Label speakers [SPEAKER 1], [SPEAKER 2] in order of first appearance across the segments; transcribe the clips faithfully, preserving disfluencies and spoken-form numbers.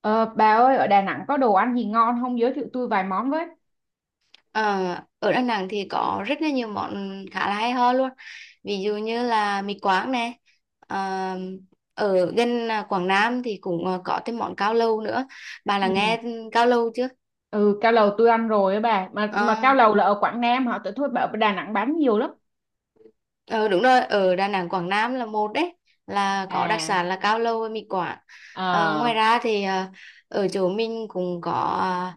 [SPEAKER 1] Ờ, bà ơi, ở Đà Nẵng có đồ ăn gì ngon không, giới thiệu tôi vài món với.
[SPEAKER 2] Ờ, Ở Đà Nẵng thì có rất là nhiều món khá là hay ho luôn, ví dụ như là mì Quảng nè. ờ, Ở gần à, Quảng Nam thì cũng à, có thêm món cao lầu nữa. Bà
[SPEAKER 1] Ừ.
[SPEAKER 2] là nghe cao lầu chưa?
[SPEAKER 1] Ừ, cao lầu tôi ăn rồi á bà, mà mà cao
[SPEAKER 2] Ờ,
[SPEAKER 1] lầu là ở Quảng Nam hả, tại thôi bà ở Đà Nẵng bán nhiều lắm.
[SPEAKER 2] ờ, Đúng rồi, ở Đà Nẵng Quảng Nam là một đấy, là có đặc
[SPEAKER 1] À.
[SPEAKER 2] sản là cao lầu với mì Quảng.
[SPEAKER 1] Ờ.
[SPEAKER 2] Ờ, ngoài ra thì à, ở chỗ mình cũng có, à,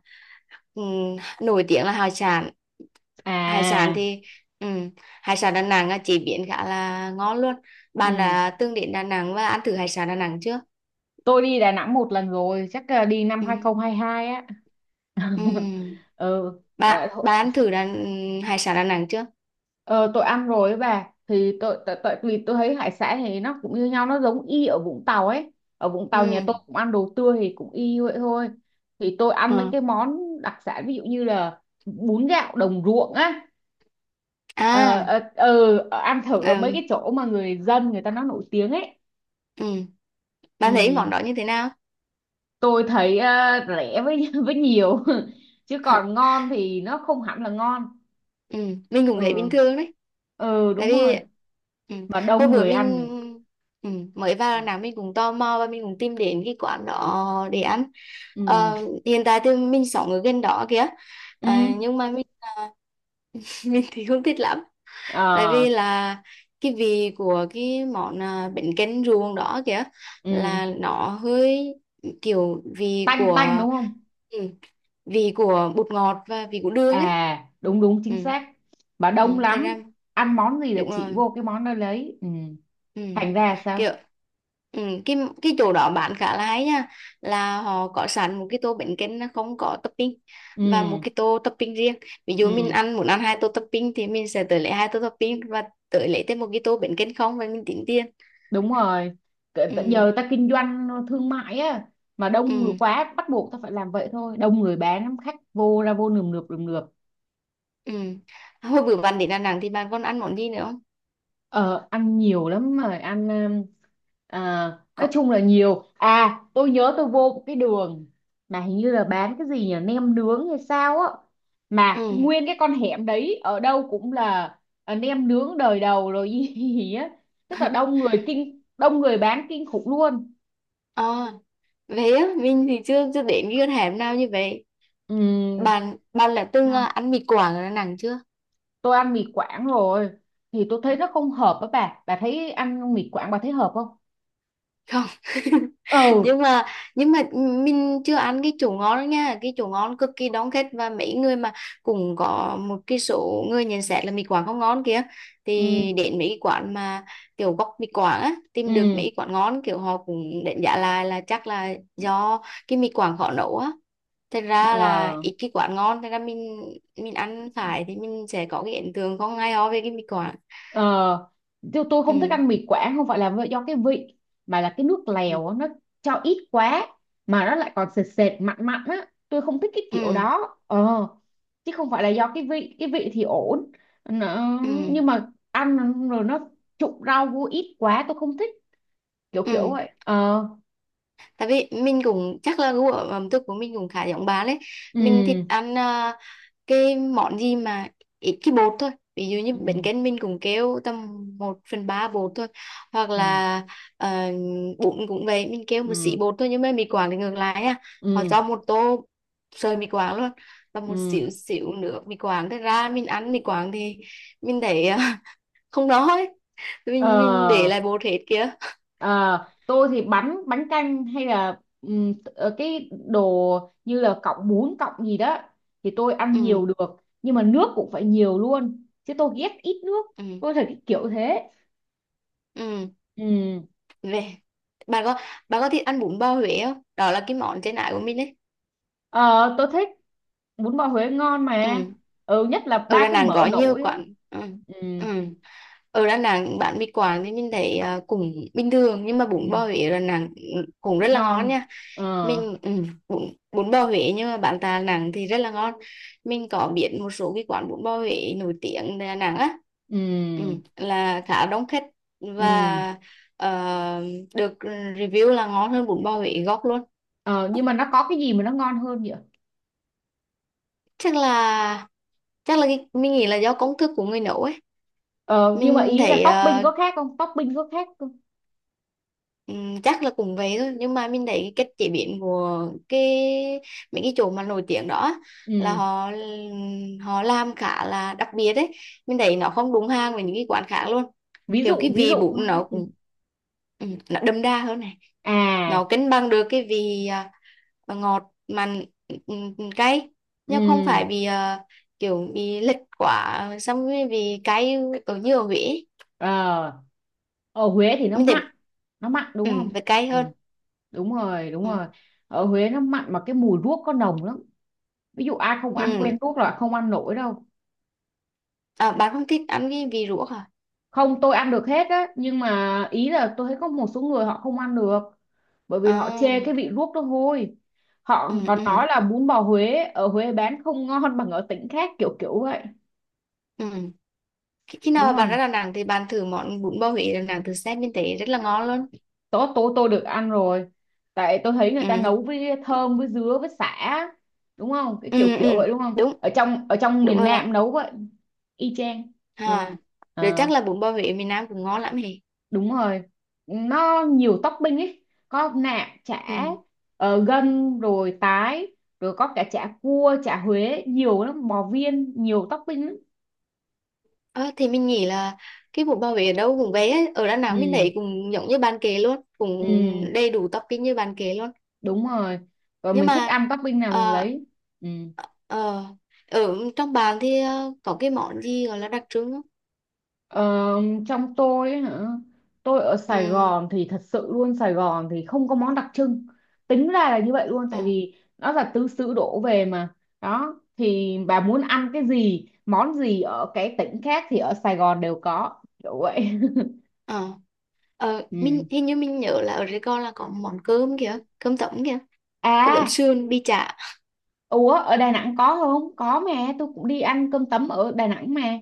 [SPEAKER 2] Ừm, nổi tiếng là hải sản. Hải sản
[SPEAKER 1] À.
[SPEAKER 2] thì ừm, hải sản Đà Nẵng á, chế biến khá là ngon luôn. Bạn
[SPEAKER 1] Ừ,
[SPEAKER 2] đã từng đến Đà Nẵng và ăn thử hải sản Đà Nẵng chưa?
[SPEAKER 1] tôi đi Đà Nẵng một lần rồi, chắc là đi năm
[SPEAKER 2] Ừm,
[SPEAKER 1] hai không hai hai á.
[SPEAKER 2] ừm.
[SPEAKER 1] Ừ. Ờ,
[SPEAKER 2] bạn
[SPEAKER 1] thôi.
[SPEAKER 2] bạn ăn thử đà, ừ, hải sản Đà Nẵng chưa?
[SPEAKER 1] Ờ, tôi ăn rồi ấy bà, thì tôi tại tại vì tôi thấy hải sản thì nó cũng như nhau, nó giống y ở Vũng Tàu ấy. Ở Vũng Tàu nhà tôi
[SPEAKER 2] Ừm,
[SPEAKER 1] cũng ăn đồ tươi thì cũng y vậy thôi. Thì tôi ăn mấy
[SPEAKER 2] ờ.
[SPEAKER 1] cái món đặc sản, ví dụ như là bún gạo đồng ruộng á. ờ,
[SPEAKER 2] à
[SPEAKER 1] ờ, ờ, ờ, Ăn thử ở mấy
[SPEAKER 2] ừm,
[SPEAKER 1] cái chỗ mà người dân người ta nó nổi tiếng ấy.
[SPEAKER 2] ừm. Bạn thấy món
[SPEAKER 1] Ừ,
[SPEAKER 2] đó như thế nào?
[SPEAKER 1] tôi thấy ờ, rẻ với với nhiều. Chứ còn ngon thì nó không hẳn là ngon.
[SPEAKER 2] Ừ, mình cũng thấy
[SPEAKER 1] Ừ.
[SPEAKER 2] bình thường đấy,
[SPEAKER 1] Ừ,
[SPEAKER 2] tại
[SPEAKER 1] đúng
[SPEAKER 2] vì
[SPEAKER 1] rồi.
[SPEAKER 2] ừ,
[SPEAKER 1] Mà
[SPEAKER 2] hồi
[SPEAKER 1] đông
[SPEAKER 2] bữa
[SPEAKER 1] người
[SPEAKER 2] mình
[SPEAKER 1] ăn nhỉ?
[SPEAKER 2] ừ, mới vào Đà Nẵng mình cũng tò mò và mình cũng tìm đến cái quán đó để ăn.
[SPEAKER 1] Ừ.
[SPEAKER 2] Ờ, Hiện tại thì mình sống ở gần đó kìa.
[SPEAKER 1] Ừ.
[SPEAKER 2] Ờ, nhưng mà mình à, mình thì không thích lắm, tại
[SPEAKER 1] Ờ.
[SPEAKER 2] vì là cái vị của cái món à, bánh canh ruồng đó kìa,
[SPEAKER 1] Ừ.
[SPEAKER 2] là nó hơi kiểu vị
[SPEAKER 1] Tanh tanh
[SPEAKER 2] của
[SPEAKER 1] đúng không.
[SPEAKER 2] ừ, vị của bột ngọt và vị của đường ấy.
[SPEAKER 1] À, đúng đúng,
[SPEAKER 2] ừ,
[SPEAKER 1] chính xác. Mà
[SPEAKER 2] ừ,
[SPEAKER 1] đông
[SPEAKER 2] Thế
[SPEAKER 1] lắm.
[SPEAKER 2] ra
[SPEAKER 1] Ăn món gì là
[SPEAKER 2] đúng
[SPEAKER 1] chỉ
[SPEAKER 2] rồi.
[SPEAKER 1] vô cái món đó lấy. Ừ.
[SPEAKER 2] ừ.
[SPEAKER 1] Thành ra sao.
[SPEAKER 2] Kiểu ừ. cái cái chỗ đó bán khá là hay nha, là họ có sẵn một cái tô bánh canh nó không có topping và một
[SPEAKER 1] Ừ.
[SPEAKER 2] cái tô topping riêng. Ví dụ mình
[SPEAKER 1] Ừ,
[SPEAKER 2] ăn muốn ăn hai tô topping thì mình sẽ tới lấy hai tô topping và tới lấy thêm một cái tô bánh canh không và mình tính tiền.
[SPEAKER 1] đúng rồi. Cỡ-
[SPEAKER 2] Ừ.
[SPEAKER 1] giờ ta kinh doanh thương mại á, mà đông người
[SPEAKER 2] Ừ.
[SPEAKER 1] quá bắt buộc ta phải làm vậy thôi, đông người bán lắm, khách vô ra vô nườm nượp nườm nượp.
[SPEAKER 2] Ừ. Hồi bữa bạn đến Đà Nẵng thì bạn còn ăn món gì nữa không?
[SPEAKER 1] Ờ, ăn nhiều lắm rồi, ăn um, à, nói
[SPEAKER 2] Có.
[SPEAKER 1] chung là nhiều. À, tôi nhớ tôi vô một cái đường mà hình như là bán cái gì nhỉ, nem nướng hay sao á, mà cái-
[SPEAKER 2] Ừ.
[SPEAKER 1] nguyên cái con hẻm đấy ở đâu cũng là à, nem nướng đời đầu rồi gì, gì á, tức là đông người kinh, đông người bán kinh khủng luôn.
[SPEAKER 2] ờ Về á mình thì chưa chưa đến cái con hẻm nào như vậy.
[SPEAKER 1] Ừm,
[SPEAKER 2] Bạn bạn là từng ờ,
[SPEAKER 1] Vâng.
[SPEAKER 2] ăn mì Quảng ở Đà Nẵng chưa?
[SPEAKER 1] Tôi ăn mì Quảng rồi, thì tôi thấy nó không hợp với bà bà thấy ăn mì Quảng bà thấy hợp không.
[SPEAKER 2] Không.
[SPEAKER 1] Ừ.
[SPEAKER 2] nhưng mà nhưng mà mình chưa ăn cái chỗ ngon nha. Cái chỗ ngon cực kỳ đông khách, và mấy người mà cũng có một cái số người nhận xét là mì Quảng không ngon kia, thì
[SPEAKER 1] Ừ.
[SPEAKER 2] đến mấy cái quán mà kiểu gốc mì Quảng á, tìm được mấy cái quán ngon, kiểu họ cũng đánh giá lại là chắc là do cái mì Quảng khó nấu á. Thật ra là
[SPEAKER 1] Ừ.
[SPEAKER 2] ít cái quán ngon. Thật ra mình mình ăn phải thì mình sẽ có cái ấn tượng không hay ho về cái mì Quảng.
[SPEAKER 1] Ờ, tôi, tôi
[SPEAKER 2] Ừ.
[SPEAKER 1] không thích ăn mì Quảng không phải là vì- do cái vị, mà là cái nước
[SPEAKER 2] Ừ.
[SPEAKER 1] lèo á, nó cho ít quá, mà nó lại còn sệt sệt mặn mặn á, tôi không thích cái kiểu
[SPEAKER 2] Ừ.
[SPEAKER 1] đó. Ờ, chứ không phải là do cái vị, cái vị thì ổn. Nó,
[SPEAKER 2] Ừ.
[SPEAKER 1] nhưng mà ăn rồi nó trụng rau vô ít quá tôi không thích, kiểu kiểu
[SPEAKER 2] Ừ.
[SPEAKER 1] vậy. Ờ.
[SPEAKER 2] Tại vì mình cũng chắc là gu ở ẩm thực của mình cũng khá giống bạn đấy. Mình thích
[SPEAKER 1] Ừ.
[SPEAKER 2] ăn à, cái món gì mà ít cái bột thôi. Ví dụ như
[SPEAKER 1] Ừ.
[SPEAKER 2] bánh canh mình cũng kêu tầm một phần ba bột thôi, hoặc
[SPEAKER 1] Ừ.
[SPEAKER 2] là uh, bún cũng vậy, mình kêu một xí
[SPEAKER 1] Ừ.
[SPEAKER 2] bột thôi. Nhưng mà mì Quảng thì ngược lại nha, họ
[SPEAKER 1] Ừ.
[SPEAKER 2] cho một tô sợi mì Quảng luôn và một
[SPEAKER 1] Ừ.
[SPEAKER 2] xíu xíu nữa mì Quảng. Thế ra mình ăn mì Quảng thì mình thấy à, không đói.
[SPEAKER 1] Ờ.
[SPEAKER 2] Mình mình để lại bột hết kìa.
[SPEAKER 1] Ờ, tôi thì bánh bánh canh hay là ừm, ờ, cái đồ như là cọng bún cọng gì đó thì tôi ăn
[SPEAKER 2] Ừ.
[SPEAKER 1] nhiều được, nhưng mà nước cũng phải nhiều luôn chứ, tôi ghét ít nước.
[SPEAKER 2] Ừ.
[SPEAKER 1] Tôi thấy cái kiểu thế.
[SPEAKER 2] Ừ.
[SPEAKER 1] Ừ.
[SPEAKER 2] Về, bạn có bạn có thích ăn bún bò Huế không? Đó là cái món trên ải của mình đấy.
[SPEAKER 1] Ờ, tôi thích, bún bò Huế ngon
[SPEAKER 2] Ừ.
[SPEAKER 1] mà. Ừ, nhất là
[SPEAKER 2] Ở
[SPEAKER 1] ba
[SPEAKER 2] Đà
[SPEAKER 1] cái
[SPEAKER 2] Nẵng
[SPEAKER 1] mỡ
[SPEAKER 2] có nhiều
[SPEAKER 1] nổi ấy.
[SPEAKER 2] quán. Ừ.
[SPEAKER 1] Ừ.
[SPEAKER 2] Ừ. Ở Đà Nẵng bán mì Quảng thì mình thấy à, cũng bình thường, nhưng mà bún
[SPEAKER 1] Ừ.
[SPEAKER 2] bò Huế ở Đà Nẵng cũng rất là
[SPEAKER 1] Ngon.
[SPEAKER 2] ngon nha.
[SPEAKER 1] Ờ.
[SPEAKER 2] mình ừ. bún, Bún bò Huế nhưng mà bán tại Đà Nẵng thì rất là ngon. Mình có biết một số cái quán bún bò Huế nổi tiếng tại Đà Nẵng á. Ừ,
[SPEAKER 1] Ừ.
[SPEAKER 2] là khá đông khách
[SPEAKER 1] Ừ.
[SPEAKER 2] và ờ, được ừ, review là ngon hơn bún bò Huế gốc luôn.
[SPEAKER 1] Ờ, nhưng mà nó có cái gì mà nó ngon hơn vậy?
[SPEAKER 2] Chắc là chắc là cái, mình nghĩ là do công thức của người nấu ấy.
[SPEAKER 1] Ờ, nhưng mà
[SPEAKER 2] Mình
[SPEAKER 1] ý là
[SPEAKER 2] thấy
[SPEAKER 1] topping
[SPEAKER 2] ờ,
[SPEAKER 1] có khác không, topping có khác không?
[SPEAKER 2] Ừm, chắc là cũng vậy thôi, nhưng mà mình thấy cái cách chế biến của cái mấy cái chỗ mà nổi tiếng đó á, là
[SPEAKER 1] Ừ.
[SPEAKER 2] họ họ làm khá là đặc biệt đấy. Mình thấy nó không đúng hàng với những cái quán khác luôn.
[SPEAKER 1] Ví
[SPEAKER 2] Kiểu cái
[SPEAKER 1] dụ ví
[SPEAKER 2] vị
[SPEAKER 1] dụ nó
[SPEAKER 2] bún
[SPEAKER 1] sẽ
[SPEAKER 2] nó
[SPEAKER 1] gì?
[SPEAKER 2] cũng ừm, nó đậm đà hơn này.
[SPEAKER 1] À.
[SPEAKER 2] Nó cân bằng được cái vị à, à, ngọt mặn, ừm, ừm, cay, nhưng không
[SPEAKER 1] Ừ.
[SPEAKER 2] phải bị à, kiểu bị lệch quá, xong rồi vì cay ở như ở Huế ấy.
[SPEAKER 1] Ờ. Ở Huế thì nó
[SPEAKER 2] Mình
[SPEAKER 1] mặn,
[SPEAKER 2] thấy
[SPEAKER 1] nó mặn
[SPEAKER 2] ừ,
[SPEAKER 1] đúng không?
[SPEAKER 2] phải cay
[SPEAKER 1] Ừ,
[SPEAKER 2] hơn.
[SPEAKER 1] đúng rồi đúng
[SPEAKER 2] Ừ.
[SPEAKER 1] rồi. Ở Huế nó mặn mà cái mùi ruốc có nồng lắm, ví dụ ai không ăn
[SPEAKER 2] Ừ.
[SPEAKER 1] quen ruốc là không ăn nổi đâu.
[SPEAKER 2] À, bạn không thích ăn cái vị ruốc à?
[SPEAKER 1] Không, tôi ăn được hết á, nhưng mà ý là tôi thấy có một số người họ không ăn được, bởi vì họ
[SPEAKER 2] À.
[SPEAKER 1] chê cái vị ruốc nó hôi. Họ
[SPEAKER 2] ừ,
[SPEAKER 1] còn
[SPEAKER 2] ừ,
[SPEAKER 1] nói là bún bò Huế ở Huế bán không ngon bằng ở tỉnh khác, kiểu kiểu vậy.
[SPEAKER 2] ừ. Khi khi nào
[SPEAKER 1] Đúng
[SPEAKER 2] mà bạn
[SPEAKER 1] rồi,
[SPEAKER 2] ra Đà Nẵng thì bạn thử món bún bò Huế Đà Nẵng từ xem bên tế rất là ngon luôn.
[SPEAKER 1] tôi tôi tôi được ăn rồi. Tại tôi thấy người ta
[SPEAKER 2] Ừ,
[SPEAKER 1] nấu với thơm, với dứa, với sả, đúng không, cái kiểu
[SPEAKER 2] ừ, ừ.
[SPEAKER 1] kiểu vậy đúng không,
[SPEAKER 2] Đúng,
[SPEAKER 1] ở trong ở trong
[SPEAKER 2] đúng
[SPEAKER 1] miền
[SPEAKER 2] rồi bạn.
[SPEAKER 1] Nam nấu vậy. Y chang. Ừ.
[SPEAKER 2] À. Rồi chắc
[SPEAKER 1] Ờ.
[SPEAKER 2] là bún bò Huế miền Nam cũng ngon lắm hề.
[SPEAKER 1] Đúng rồi, nó nhiều topping ấy, có nạm, chả.
[SPEAKER 2] Ừ.
[SPEAKER 1] Ờ, gân, rồi tái, rồi có cả chả cua, chả Huế nhiều lắm, bò viên, nhiều topping lắm.
[SPEAKER 2] Ờ, thì mình nghĩ là cái bún bò Huế ở đâu cũng về ấy. Ở Đà Nẵng mình thấy
[SPEAKER 1] Ừ.
[SPEAKER 2] cũng giống như bạn kể luôn,
[SPEAKER 1] Ừ.
[SPEAKER 2] cũng đầy đủ topping như bạn kể luôn.
[SPEAKER 1] Đúng rồi, rồi
[SPEAKER 2] Nhưng
[SPEAKER 1] mình thích
[SPEAKER 2] mà
[SPEAKER 1] ăn topping nào mình
[SPEAKER 2] ờ,
[SPEAKER 1] lấy. Ừ.
[SPEAKER 2] ờ, ở trong bàn thì ờ, có cái món gì gọi là đặc trưng không?
[SPEAKER 1] Ờ, trong tôi ấy hả, tôi ở Sài
[SPEAKER 2] Ừ.
[SPEAKER 1] Gòn thì thật sự luôn, Sài Gòn thì không có món đặc trưng, tính ra là như vậy luôn,
[SPEAKER 2] ờ
[SPEAKER 1] tại vì nó là tứ xứ đổ về mà. Đó thì bà muốn ăn cái gì, món gì ở cái tỉnh khác thì ở Sài Gòn đều có, kiểu vậy.
[SPEAKER 2] ờ ờ mình
[SPEAKER 1] Ừ.
[SPEAKER 2] hình như mình nhớ là ở Sài Gòn là có món cơm kìa, cơm tấm kìa, cơm tấm
[SPEAKER 1] À.
[SPEAKER 2] sườn bi chả.
[SPEAKER 1] Ủa, ở Đà Nẵng có không, có mà, tôi cũng đi ăn cơm tấm ở Đà Nẵng mà.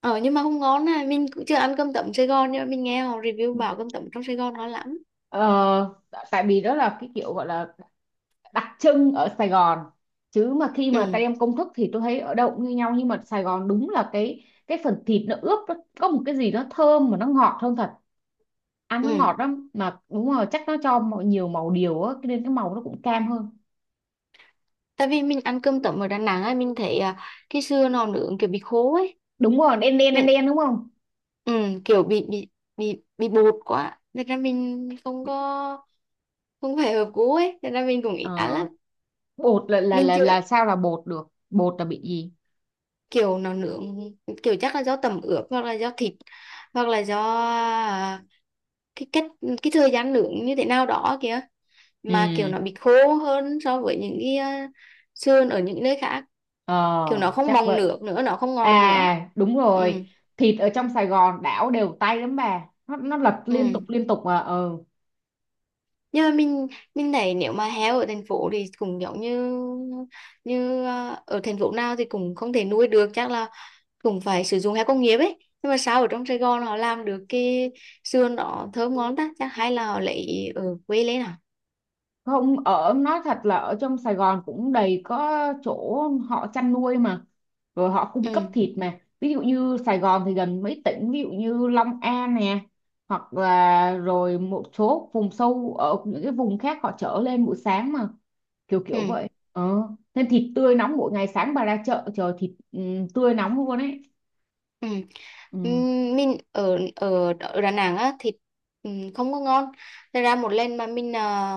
[SPEAKER 2] Ờ, nhưng mà không ngon này. Mình cũng chưa ăn cơm tấm Sài Gòn, nhưng mà mình nghe họ review bảo cơm tấm trong Sài Gòn ngon lắm.
[SPEAKER 1] Ờ, tại vì đó là cái kiểu gọi là đặc trưng ở Sài Gòn, chứ mà khi
[SPEAKER 2] Ừ.
[SPEAKER 1] mà tay em công thức thì tôi thấy ở đâu cũng như nhau, nhưng mà Sài Gòn đúng là cái cái phần thịt nó ướp, nó có một cái gì nó thơm mà nó ngọt hơn thật. Ăn nó
[SPEAKER 2] Ừ.
[SPEAKER 1] ngọt lắm mà, đúng rồi, chắc nó cho mọi- nhiều màu điều á, cho nên cái màu nó cũng cam hơn.
[SPEAKER 2] Tại vì mình ăn cơm tấm ở Đà Nẵng ấy, mình thấy à, cái sườn nó nướng kiểu bị khô ấy.
[SPEAKER 1] Đúng rồi, đen đen đen
[SPEAKER 2] mình
[SPEAKER 1] đen đúng không.
[SPEAKER 2] ừ, Kiểu bị bị bị bị bột quá nên ra mình không có, không phải hợp gu ấy, nên ra mình cũng
[SPEAKER 1] Ờ,
[SPEAKER 2] ít ăn lắm.
[SPEAKER 1] bột là là
[SPEAKER 2] Mình
[SPEAKER 1] là
[SPEAKER 2] chưa
[SPEAKER 1] là sao, là bột được, bột là bị gì?
[SPEAKER 2] Kiểu nó nướng, kiểu chắc là do tẩm ướp hoặc là do thịt, hoặc là do à, cái cách, cái thời gian nướng như thế nào đó kìa, mà kiểu
[SPEAKER 1] Ừ.
[SPEAKER 2] nó bị khô hơn so với những cái à, sườn ở những nơi khác,
[SPEAKER 1] Ờ,
[SPEAKER 2] kiểu nó không
[SPEAKER 1] chắc
[SPEAKER 2] bong
[SPEAKER 1] vậy.
[SPEAKER 2] nước nữa, nó không ngọt nữa.
[SPEAKER 1] À, đúng rồi.
[SPEAKER 2] Ừ.
[SPEAKER 1] Thịt ở trong Sài Gòn đảo đều tay lắm bà. Nó, nó lật
[SPEAKER 2] Ừ.
[SPEAKER 1] liên tục liên tục mà. Ờ.
[SPEAKER 2] Nhưng mà mình mình thấy nếu mà heo ở thành phố thì cũng giống như như à, ở thành phố nào thì cũng không thể nuôi được, chắc là cũng phải sử dụng heo công nghiệp ấy. Nhưng mà sao ở trong Sài Gòn họ làm được cái sườn đó thơm ngon ta? Chắc hay là họ lấy ở quê lên à?
[SPEAKER 1] Không, ở nói thật là ở trong Sài Gòn cũng đầy có chỗ họ chăn nuôi mà, rồi họ cung cấp
[SPEAKER 2] Ừ.
[SPEAKER 1] thịt mà, ví dụ như Sài Gòn thì gần mấy tỉnh, ví dụ như Long An nè, hoặc là rồi một số vùng sâu ở những cái vùng khác họ chở lên buổi sáng mà, kiểu kiểu
[SPEAKER 2] Ừ.
[SPEAKER 1] vậy. Ờ. Nên thịt tươi nóng mỗi ngày, sáng bà ra chợ chờ thịt, ừ, tươi nóng luôn ấy.
[SPEAKER 2] Ừ.
[SPEAKER 1] Ừ.
[SPEAKER 2] Ừm, mình ở ở ở Đà Nẵng á thịt ừm, không có ngon. Thật ra một lần mà mình à,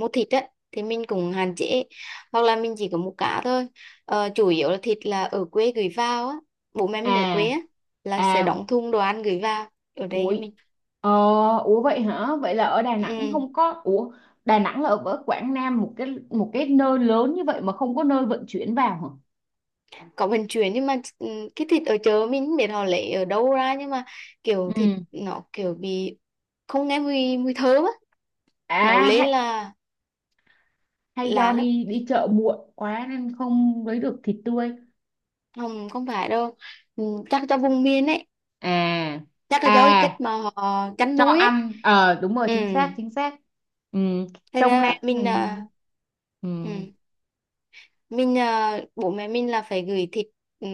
[SPEAKER 2] mua thịt á thì mình cũng hạn chế hoặc là mình chỉ có mua cá thôi. Ờ, chủ yếu là thịt là ở quê gửi vào á, bố mẹ mình ở quê
[SPEAKER 1] À.
[SPEAKER 2] á là sẽ
[SPEAKER 1] À.
[SPEAKER 2] đóng thùng đồ ăn gửi vào ở đây cho
[SPEAKER 1] Ủi.
[SPEAKER 2] mình.
[SPEAKER 1] Ờ. Ủa vậy hả? Vậy là ở Đà Nẵng
[SPEAKER 2] Ừ.
[SPEAKER 1] không có, ủa, Đà Nẵng là ở ở Quảng Nam, một cái, một cái nơi lớn như vậy mà không có nơi vận chuyển vào hả?
[SPEAKER 2] Có vận chuyển, nhưng mà ừ, cái thịt ở chợ mình không biết họ lấy ở đâu ra, nhưng mà kiểu thịt
[SPEAKER 1] Ừ.
[SPEAKER 2] nó kiểu bị không nghe mùi mùi thơm á. Nấu
[SPEAKER 1] À
[SPEAKER 2] lên
[SPEAKER 1] hay,
[SPEAKER 2] là
[SPEAKER 1] hay do
[SPEAKER 2] lạ lắm.
[SPEAKER 1] đi đi chợ muộn quá nên không lấy được thịt tươi.
[SPEAKER 2] Không không phải đâu. Ừ, chắc cho vùng miền ấy,
[SPEAKER 1] À.
[SPEAKER 2] chắc là do cái cách
[SPEAKER 1] À,
[SPEAKER 2] mà họ chăn
[SPEAKER 1] cho
[SPEAKER 2] nuôi ấy.
[SPEAKER 1] ăn, ờ, đúng rồi,
[SPEAKER 2] Ừ.
[SPEAKER 1] chính xác chính xác. Ừ,
[SPEAKER 2] Thế
[SPEAKER 1] trong Nam.
[SPEAKER 2] ra
[SPEAKER 1] Ừ.
[SPEAKER 2] mình à, ừ.
[SPEAKER 1] Ừ.
[SPEAKER 2] Mình à, bố mẹ mình là phải gửi thịt, ừ,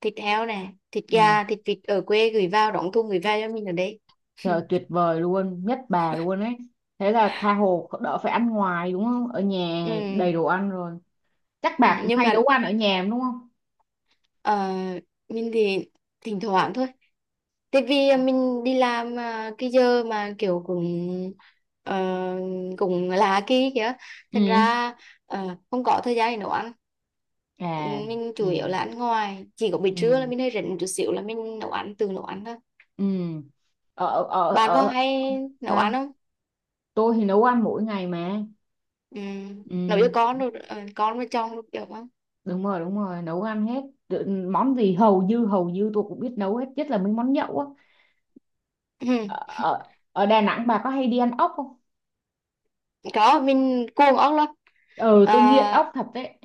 [SPEAKER 2] thịt heo này, thịt
[SPEAKER 1] Ừ.
[SPEAKER 2] gà, thịt vịt ở quê gửi vào, đóng thùng gửi vào cho mình ở đây.
[SPEAKER 1] Trời tuyệt vời luôn, nhất bà luôn ấy. Thế là tha hồ đỡ phải ăn ngoài đúng không? Ở nhà
[SPEAKER 2] Ừ.
[SPEAKER 1] đầy đồ ăn rồi. Chắc
[SPEAKER 2] Ừ,
[SPEAKER 1] bà cũng
[SPEAKER 2] nhưng
[SPEAKER 1] hay nấu
[SPEAKER 2] mà
[SPEAKER 1] ăn ở nhà đúng không?
[SPEAKER 2] Ờ, mình thì thỉnh thoảng thôi. Tại vì mình đi làm à, cái giờ mà kiểu cũng ờ, cũng là kỳ kìa. Thành
[SPEAKER 1] Ừ.
[SPEAKER 2] ra ờ, không có thời gian để nấu ăn. Ừ,
[SPEAKER 1] À.
[SPEAKER 2] mình
[SPEAKER 1] Ừ.
[SPEAKER 2] chủ yếu là ăn ngoài. Chỉ có buổi
[SPEAKER 1] Ừ.
[SPEAKER 2] trưa là mình hơi rảnh một chút xíu là mình nấu ăn, tự nấu ăn thôi.
[SPEAKER 1] Ừ. Ở ở
[SPEAKER 2] Bạn có
[SPEAKER 1] ở
[SPEAKER 2] hay nấu ăn
[SPEAKER 1] sao?
[SPEAKER 2] không?
[SPEAKER 1] Tôi thì nấu ăn mỗi ngày mà.
[SPEAKER 2] Ừ. Nấu cho
[SPEAKER 1] Ừ.
[SPEAKER 2] con rồi, ờ, con với chồng được không?
[SPEAKER 1] Đúng rồi, đúng rồi, nấu ăn hết. Tự- món gì hầu như hầu như tôi cũng biết nấu hết, nhất là mấy món nhậu á.
[SPEAKER 2] Ừ.
[SPEAKER 1] Ở, ở ở Đà Nẵng bà có hay đi ăn ốc không?
[SPEAKER 2] Có, mình cuồng ốc lắm.
[SPEAKER 1] Ừ,
[SPEAKER 2] Ờ.
[SPEAKER 1] tôi nghiện ốc thật đấy.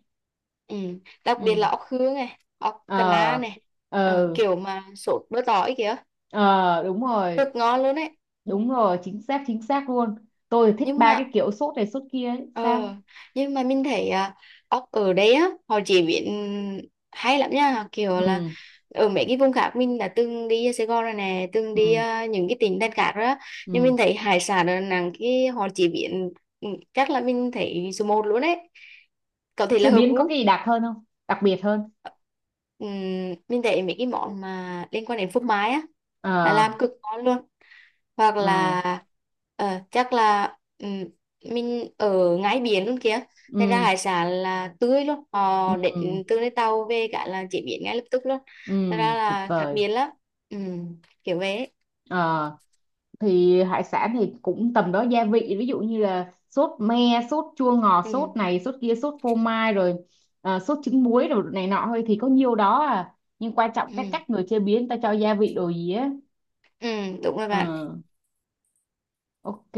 [SPEAKER 2] Ừ. Đặc biệt là
[SPEAKER 1] Ừ.
[SPEAKER 2] ốc hương này, ốc cà na
[SPEAKER 1] Ờ.
[SPEAKER 2] này, ờ,
[SPEAKER 1] Ờ.
[SPEAKER 2] kiểu mà sốt bơ tỏi kìa,
[SPEAKER 1] Ờ, đúng rồi.
[SPEAKER 2] rất ngon luôn đấy.
[SPEAKER 1] Đúng rồi, chính xác chính xác luôn. Tôi thích
[SPEAKER 2] Nhưng
[SPEAKER 1] ba cái
[SPEAKER 2] mà
[SPEAKER 1] kiểu sốt này sốt kia ấy. Sao?
[SPEAKER 2] ờ, nhưng mà mình thấy à, ốc ở đây á, họ chế biến hay lắm nha, kiểu là
[SPEAKER 1] Ừ.
[SPEAKER 2] ở mấy cái vùng khác mình đã từng đi Sài Gòn rồi nè, từng đi
[SPEAKER 1] Ừ.
[SPEAKER 2] à, những cái tỉnh thành khác đó, nhưng
[SPEAKER 1] Ừ.
[SPEAKER 2] mình thấy hải sản ở Đà Nẵng cái họ chế biến ừ, chắc là mình thấy số một luôn đấy. Có thể là
[SPEAKER 1] Chế
[SPEAKER 2] hợp
[SPEAKER 1] biến có cái
[SPEAKER 2] gu.
[SPEAKER 1] gì đặc hơn không, đặc biệt hơn?
[SPEAKER 2] Ừm, mình thấy mấy cái món mà liên quan đến phô mai á là
[SPEAKER 1] Ờ.
[SPEAKER 2] làm cực ngon luôn. Hoặc
[SPEAKER 1] Ừ.
[SPEAKER 2] là ờ, chắc là ừm, mình ở ngay biển luôn kìa, thế ra
[SPEAKER 1] Ừ.
[SPEAKER 2] hải sản là tươi luôn, họ
[SPEAKER 1] Ừ.
[SPEAKER 2] đến từ lấy tàu về cả là chế biến ngay lập tức luôn,
[SPEAKER 1] Ừ.
[SPEAKER 2] thế ra
[SPEAKER 1] Tuyệt
[SPEAKER 2] là khác
[SPEAKER 1] vời.
[SPEAKER 2] biệt lắm. Ừm, Kiểu vậy ấy.
[SPEAKER 1] Ờ, thì hải sản thì cũng tầm đó gia vị, ví dụ như là sốt me, sốt chua ngọt,
[SPEAKER 2] Ừm,
[SPEAKER 1] sốt này sốt kia, sốt phô mai rồi, ờ, sốt trứng muối, rồi này nọ thôi, thì có nhiều đó à, nhưng quan trọng cái
[SPEAKER 2] ừm,
[SPEAKER 1] cách người chế biến ta cho gia vị đồ gì á.
[SPEAKER 2] ừm, Đúng rồi bạn.
[SPEAKER 1] Ừ. Ok,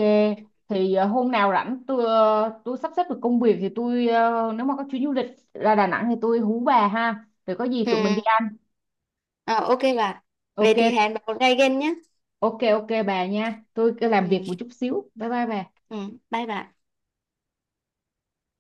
[SPEAKER 1] thì ờ, hôm nào rảnh tôi, ờ, tôi sắp xếp được công việc thì tôi, ờ, nếu mà có chuyến du lịch ra Đà Nẵng thì tôi hú bà ha. Rồi có gì tụi mình đi
[SPEAKER 2] Ừm,
[SPEAKER 1] ăn.
[SPEAKER 2] ờ, ok bạn, về
[SPEAKER 1] Ok,
[SPEAKER 2] thì hẹn bạn một ngày gần nhé.
[SPEAKER 1] ok ok bà nha. Tôi cứ làm
[SPEAKER 2] Ừm,
[SPEAKER 1] việc một chút xíu. Bye bye bà.
[SPEAKER 2] ừm, Bye bạn.